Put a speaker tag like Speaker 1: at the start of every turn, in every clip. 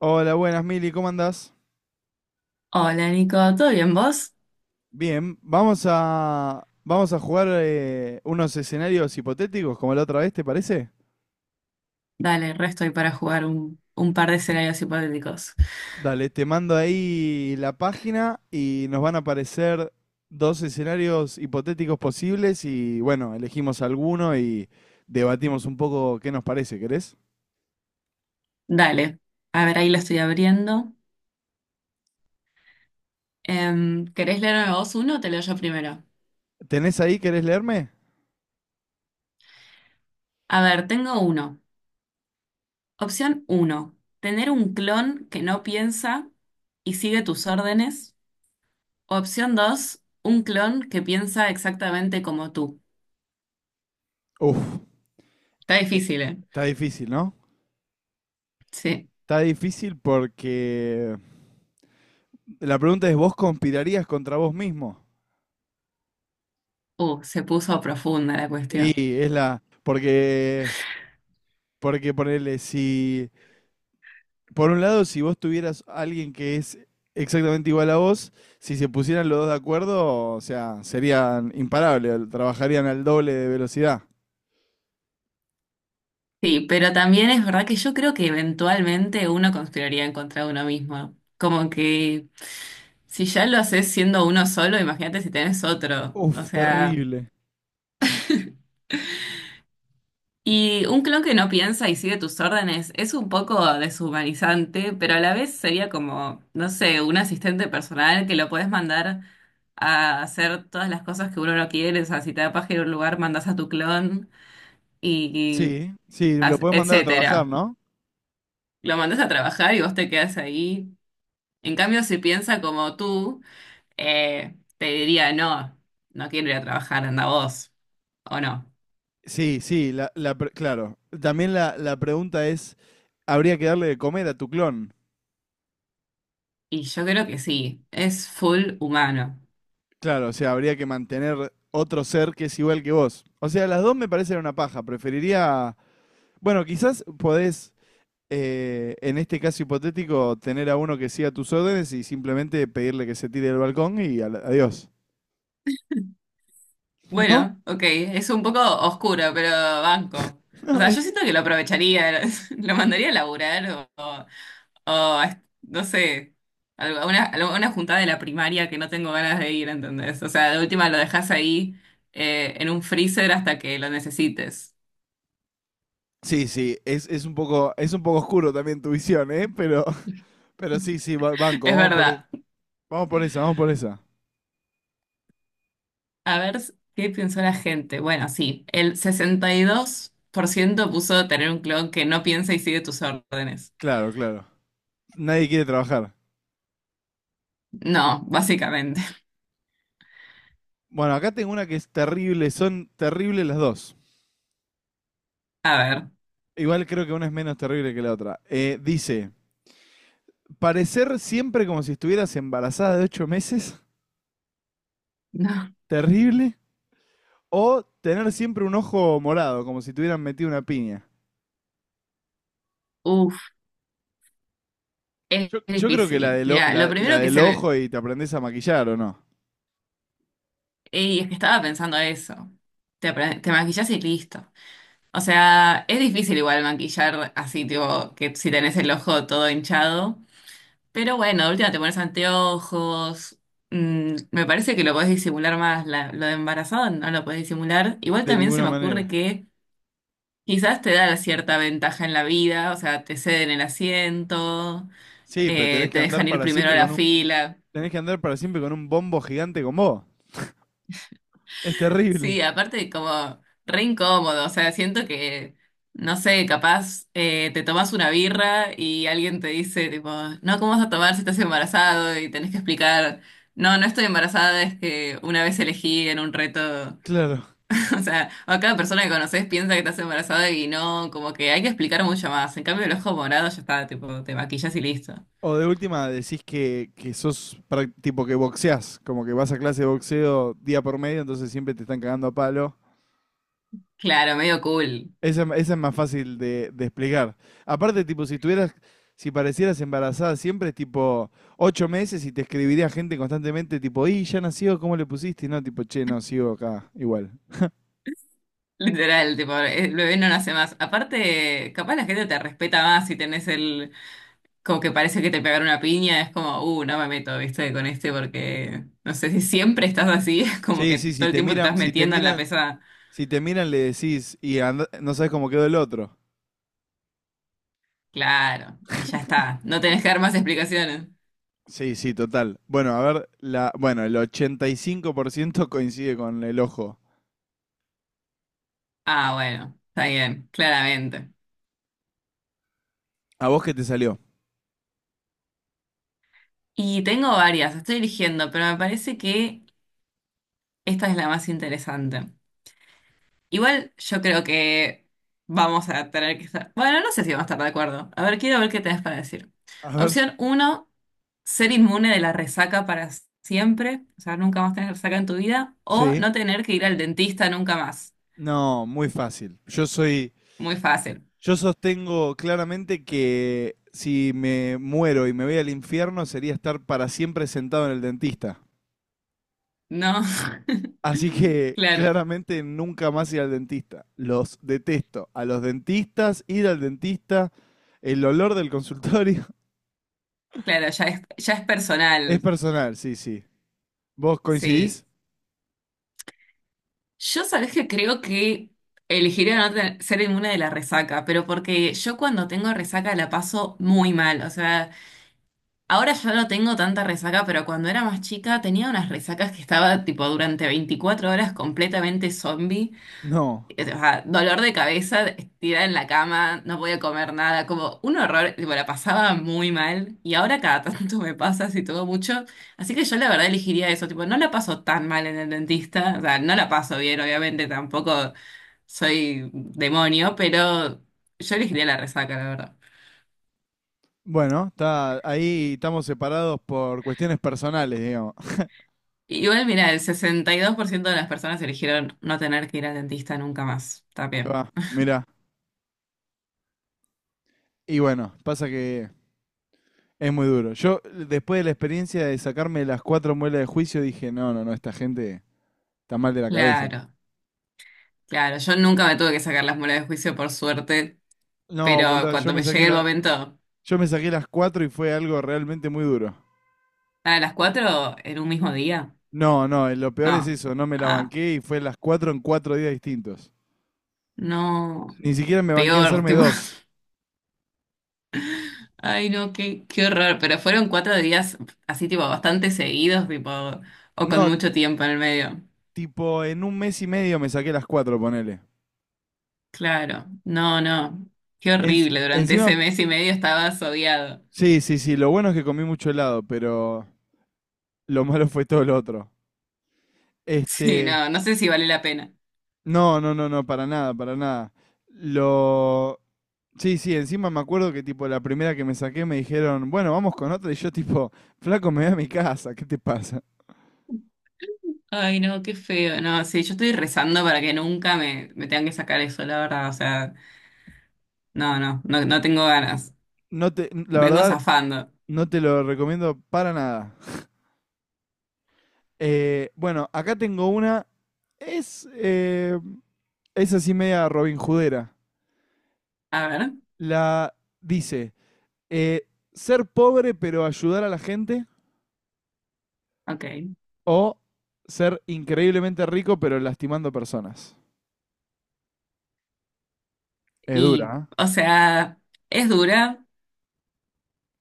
Speaker 1: Hola, buenas, Mili, ¿cómo andás?
Speaker 2: Hola Nico, ¿todo bien vos?
Speaker 1: Bien, vamos a jugar unos escenarios hipotéticos como la otra vez, ¿te parece?
Speaker 2: Dale, resto ahí para jugar un par de escenarios hipotéticos.
Speaker 1: Dale, te mando ahí la página y nos van a aparecer dos escenarios hipotéticos posibles y bueno, elegimos alguno y debatimos un poco qué nos parece, ¿querés?
Speaker 2: Dale, a ver, ahí lo estoy abriendo. ¿Querés leerme vos uno o te leo yo primero?
Speaker 1: ¿Tenés ahí? ¿Querés leerme?
Speaker 2: A ver, tengo uno. Opción uno, tener un clon que no piensa y sigue tus órdenes. Opción dos, un clon que piensa exactamente como tú.
Speaker 1: Uf,
Speaker 2: Está difícil, ¿eh?
Speaker 1: está difícil, ¿no?
Speaker 2: Sí.
Speaker 1: Está difícil porque la pregunta es, ¿vos conspirarías contra vos mismo?
Speaker 2: Se puso profunda la cuestión.
Speaker 1: Y es la. Porque. Porque ponerle, si. Por un lado, si vos tuvieras a alguien que es exactamente igual a vos, si se pusieran los dos de acuerdo, o sea, serían imparables, trabajarían al doble de velocidad.
Speaker 2: Sí, pero también es verdad que yo creo que eventualmente uno conspiraría en contra de uno mismo. Como que si ya lo haces siendo uno solo, imagínate si tenés otro.
Speaker 1: Uf,
Speaker 2: O sea,
Speaker 1: terrible.
Speaker 2: y un clon que no piensa y sigue tus órdenes es un poco deshumanizante, pero a la vez sería como, no sé, un asistente personal que lo puedes mandar a hacer todas las cosas que uno no quiere. O sea, si te da paja ir a un lugar, mandas a tu clon y, y,
Speaker 1: Sí, sí, lo podés mandar a trabajar,
Speaker 2: etcétera.
Speaker 1: ¿no?
Speaker 2: Lo mandas a trabajar y vos te quedas ahí. En cambio, si piensa como tú, te diría, no, no quiero ir a trabajar, anda vos, ¿o no?
Speaker 1: Sí, sí, claro. También la pregunta es, ¿habría que darle de comer a tu clon?
Speaker 2: Y yo creo que sí, es full humano.
Speaker 1: Claro, o sea, habría que mantener otro ser que es igual que vos. O sea, las dos me parecen una paja. Preferiría. Bueno, quizás podés, en este caso hipotético, tener a uno que siga tus órdenes y simplemente pedirle que se tire del balcón y adiós. ¿No?
Speaker 2: Bueno, ok, es un poco oscuro, pero banco. O
Speaker 1: No,
Speaker 2: sea,
Speaker 1: es-
Speaker 2: yo siento que lo aprovecharía, lo mandaría a laburar o a no sé, a una juntada de la primaria que no tengo ganas de ir, ¿entendés? O sea, de última lo dejas ahí en un freezer hasta que lo necesites.
Speaker 1: Sí, sí, es un poco oscuro también tu visión, ¿eh? Pero, pero sí, sí, banco,
Speaker 2: Es verdad.
Speaker 1: vamos por esa, vamos por esa.
Speaker 2: A ver qué pensó la gente. Bueno, sí, el 62% puso tener un clon que no piensa y sigue tus órdenes.
Speaker 1: Claro, claro. Nadie quiere trabajar.
Speaker 2: No, básicamente.
Speaker 1: Bueno, acá tengo una que es terrible, son terribles las dos.
Speaker 2: A ver,
Speaker 1: Igual creo que una es menos terrible que la otra. Dice, parecer siempre como si estuvieras embarazada de 8 meses,
Speaker 2: no.
Speaker 1: terrible, o tener siempre un ojo morado, como si te hubieran metido una piña.
Speaker 2: Uf, es
Speaker 1: Yo creo que
Speaker 2: difícil. Mira, lo
Speaker 1: la
Speaker 2: primero que
Speaker 1: del
Speaker 2: se me...
Speaker 1: ojo y te aprendés a maquillar, ¿o no?
Speaker 2: Ey, es que estaba pensando eso. Te maquillas y listo. O sea, es difícil igual maquillar así, tipo, que si tenés el ojo todo hinchado. Pero bueno, de última te pones anteojos. Mm, me parece que lo podés disimular más. Lo de embarazado no lo podés disimular. Igual
Speaker 1: De
Speaker 2: también se
Speaker 1: ninguna
Speaker 2: me ocurre
Speaker 1: manera.
Speaker 2: que quizás te da cierta ventaja en la vida. O sea, te ceden el asiento,
Speaker 1: Sí, pero tenés que
Speaker 2: te
Speaker 1: andar
Speaker 2: dejan ir
Speaker 1: para
Speaker 2: primero a
Speaker 1: siempre
Speaker 2: la
Speaker 1: con un...
Speaker 2: fila.
Speaker 1: Tenés que andar para siempre con un bombo gigante con vos. Es terrible.
Speaker 2: Sí, aparte como re incómodo, o sea, siento que, no sé, capaz te tomas una birra y alguien te dice, tipo, no, ¿cómo vas a tomar si estás embarazado? Y tenés que explicar, no, no estoy embarazada, es que una vez elegí en un reto,
Speaker 1: Claro.
Speaker 2: o sea, o cada persona que conoces piensa que estás embarazada y no, como que hay que explicar mucho más. En cambio, el ojo morado ya está, tipo, te maquillas y listo.
Speaker 1: O de última decís que, tipo que boxeás, como que vas a clase de boxeo día por medio, entonces siempre te están cagando a palo.
Speaker 2: Claro, medio cool.
Speaker 1: Esa es más fácil de explicar. Aparte, tipo, si tuvieras, si parecieras embarazada siempre, tipo, 8 meses, y te escribiría gente constantemente, tipo, y ya nació, ¿cómo le pusiste? Y no, tipo, che, no, sigo acá, igual.
Speaker 2: Literal, tipo, el bebé no nace más. Aparte, capaz la gente te respeta más si tenés el como que parece que te pegaron una piña, es como, no me meto, viste, con este porque, no sé, si siempre estás así, es como
Speaker 1: Sí,
Speaker 2: que
Speaker 1: sí, si
Speaker 2: todo el
Speaker 1: te
Speaker 2: tiempo te
Speaker 1: miran,
Speaker 2: estás
Speaker 1: si te
Speaker 2: metiendo en la
Speaker 1: miran,
Speaker 2: pesada.
Speaker 1: si te miran le decís y no sabes cómo quedó el otro.
Speaker 2: Claro, y ya está, no tenés que dar más explicaciones.
Speaker 1: Sí, sí, total. Bueno, a ver, el 85% coincide con el ojo.
Speaker 2: Ah, bueno, está bien, claramente.
Speaker 1: ¿A vos qué te salió?
Speaker 2: Y tengo varias, estoy eligiendo, pero me parece que esta es la más interesante. Igual yo creo que vamos a tener que estar. Bueno, no sé si vamos a estar de acuerdo. A ver, quiero ver qué tenés para decir.
Speaker 1: A ver.
Speaker 2: Opción uno ser inmune de la resaca para siempre. O sea, nunca más tener resaca en tu vida. O
Speaker 1: Sí.
Speaker 2: no tener que ir al dentista nunca más.
Speaker 1: No, muy fácil. Yo soy.
Speaker 2: Muy fácil.
Speaker 1: Yo sostengo claramente que si me muero y me voy al infierno sería estar para siempre sentado en el dentista.
Speaker 2: No.
Speaker 1: Así que
Speaker 2: Claro,
Speaker 1: claramente nunca más ir al dentista. Los detesto. A los dentistas, ir al dentista, el olor del consultorio.
Speaker 2: claro, ya es
Speaker 1: Es
Speaker 2: personal.
Speaker 1: personal, sí, sí. ¿Vos
Speaker 2: Sí.
Speaker 1: coincidís?
Speaker 2: Yo sabés que creo que elegiría no tener- ser inmune de la resaca, pero porque yo cuando tengo resaca la paso muy mal. O sea. Ahora ya no tengo tanta resaca, pero cuando era más chica tenía unas resacas que estaba tipo durante 24 horas completamente zombie.
Speaker 1: No.
Speaker 2: O sea, dolor de cabeza, estirada en la cama, no podía comer nada, como un horror, tipo, la pasaba muy mal. Y ahora cada tanto me pasa así todo mucho. Así que yo la verdad elegiría eso, tipo, no la paso tan mal en el dentista, o sea, no la paso bien, obviamente tampoco soy demonio, pero yo elegiría la resaca, la verdad.
Speaker 1: Bueno, está, ahí estamos separados por cuestiones personales, digamos.
Speaker 2: Igual, mira, el 62% de las personas eligieron no tener que ir al dentista nunca más. Está
Speaker 1: Ahí va,
Speaker 2: bien.
Speaker 1: mirá. Y bueno, pasa que es muy duro. Yo, después de la experiencia de sacarme las 4 muelas de juicio, dije, no, no, no, esta gente está mal de la cabeza.
Speaker 2: Claro, claro. Yo nunca me tuve que sacar las muelas de juicio, por suerte,
Speaker 1: No,
Speaker 2: pero
Speaker 1: boludo,
Speaker 2: cuando me llegue el momento,
Speaker 1: yo me saqué las 4 y fue algo realmente muy duro.
Speaker 2: a las 4 en un mismo día.
Speaker 1: No, no, lo peor es
Speaker 2: No.
Speaker 1: eso, no me la
Speaker 2: Ah,
Speaker 1: banqué y fue las 4 en 4 días distintos.
Speaker 2: no.
Speaker 1: Ni siquiera me banqué a
Speaker 2: Peor,
Speaker 1: hacerme
Speaker 2: tipo.
Speaker 1: dos.
Speaker 2: Ay, no, qué horror. Pero fueron cuatro días así, tipo, bastante seguidos, tipo, o con
Speaker 1: No,
Speaker 2: mucho tiempo en el medio.
Speaker 1: tipo, en un mes y medio me saqué las cuatro, ponele.
Speaker 2: Claro. No, no. Qué horrible. Durante
Speaker 1: Encima,
Speaker 2: ese mes y medio estabas odiado.
Speaker 1: sí, sí, sí, lo bueno es que comí mucho helado, pero lo malo fue todo lo otro.
Speaker 2: Sí,
Speaker 1: Este,
Speaker 2: no, no sé si vale la pena.
Speaker 1: No, no, no, no, para nada, para nada. Lo... Sí, sí, encima me acuerdo que tipo la primera que me saqué me dijeron, bueno, vamos con otra y yo tipo, flaco, me voy a mi casa, ¿qué te pasa?
Speaker 2: Ay, no, qué feo. No, sí, yo estoy rezando para que nunca me tengan que sacar eso, la verdad. O sea, no, no, no, no tengo ganas.
Speaker 1: No te, la
Speaker 2: Vengo
Speaker 1: verdad,
Speaker 2: zafando.
Speaker 1: no te lo recomiendo para nada. Bueno, acá tengo una, es, eh, es así media Robin Judera.
Speaker 2: A ver,
Speaker 1: La dice, eh, ser pobre pero ayudar a la gente
Speaker 2: ok.
Speaker 1: o ser increíblemente rico pero lastimando personas. Es
Speaker 2: Y,
Speaker 1: dura, ¿eh?
Speaker 2: o sea, es dura,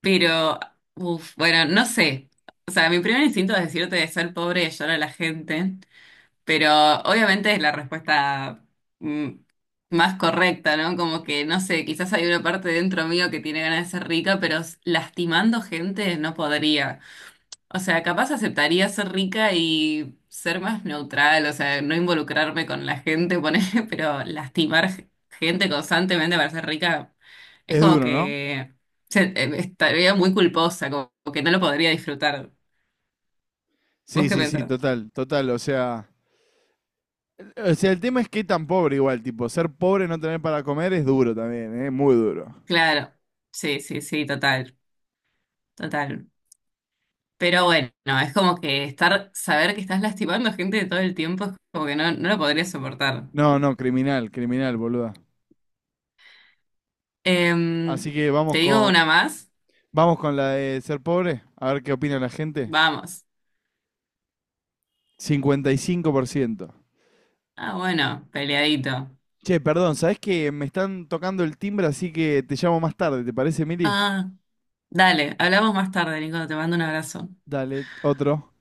Speaker 2: pero, uf, bueno, no sé. O sea, mi primer instinto es decirte de ser pobre y ayudar a la gente, pero obviamente es la respuesta mm, más correcta, ¿no? Como que, no sé, quizás hay una parte dentro mío que tiene ganas de ser rica, pero lastimando gente no podría. O sea, capaz aceptaría ser rica y ser más neutral, o sea, no involucrarme con la gente, ponele, pero lastimar gente constantemente para ser rica es
Speaker 1: Es
Speaker 2: como
Speaker 1: duro, ¿no?
Speaker 2: que estaría muy culposa, como que no lo podría disfrutar. ¿Vos
Speaker 1: Sí,
Speaker 2: qué
Speaker 1: sí, sí,
Speaker 2: pensás?
Speaker 1: total, total. O sea, el tema es que tan pobre igual, tipo, ser pobre, y no tener para comer es duro también, es muy duro.
Speaker 2: Claro, sí, sí, sí, total, total. Pero bueno, es como que estar, saber que estás lastimando gente todo el tiempo es como que no, no lo podría soportar.
Speaker 1: No, no, criminal, criminal, boluda.
Speaker 2: Em,
Speaker 1: Así que
Speaker 2: ¿Te digo una más?
Speaker 1: vamos con la de ser pobre, a ver qué opina la gente.
Speaker 2: Vamos.
Speaker 1: 55%.
Speaker 2: Ah, bueno, peleadito.
Speaker 1: Che, perdón, ¿sabés que me están tocando el timbre, así que te llamo más tarde, ¿te parece, Mili?
Speaker 2: Ah, dale, hablamos más tarde, Nico, te mando un abrazo.
Speaker 1: Dale, otro.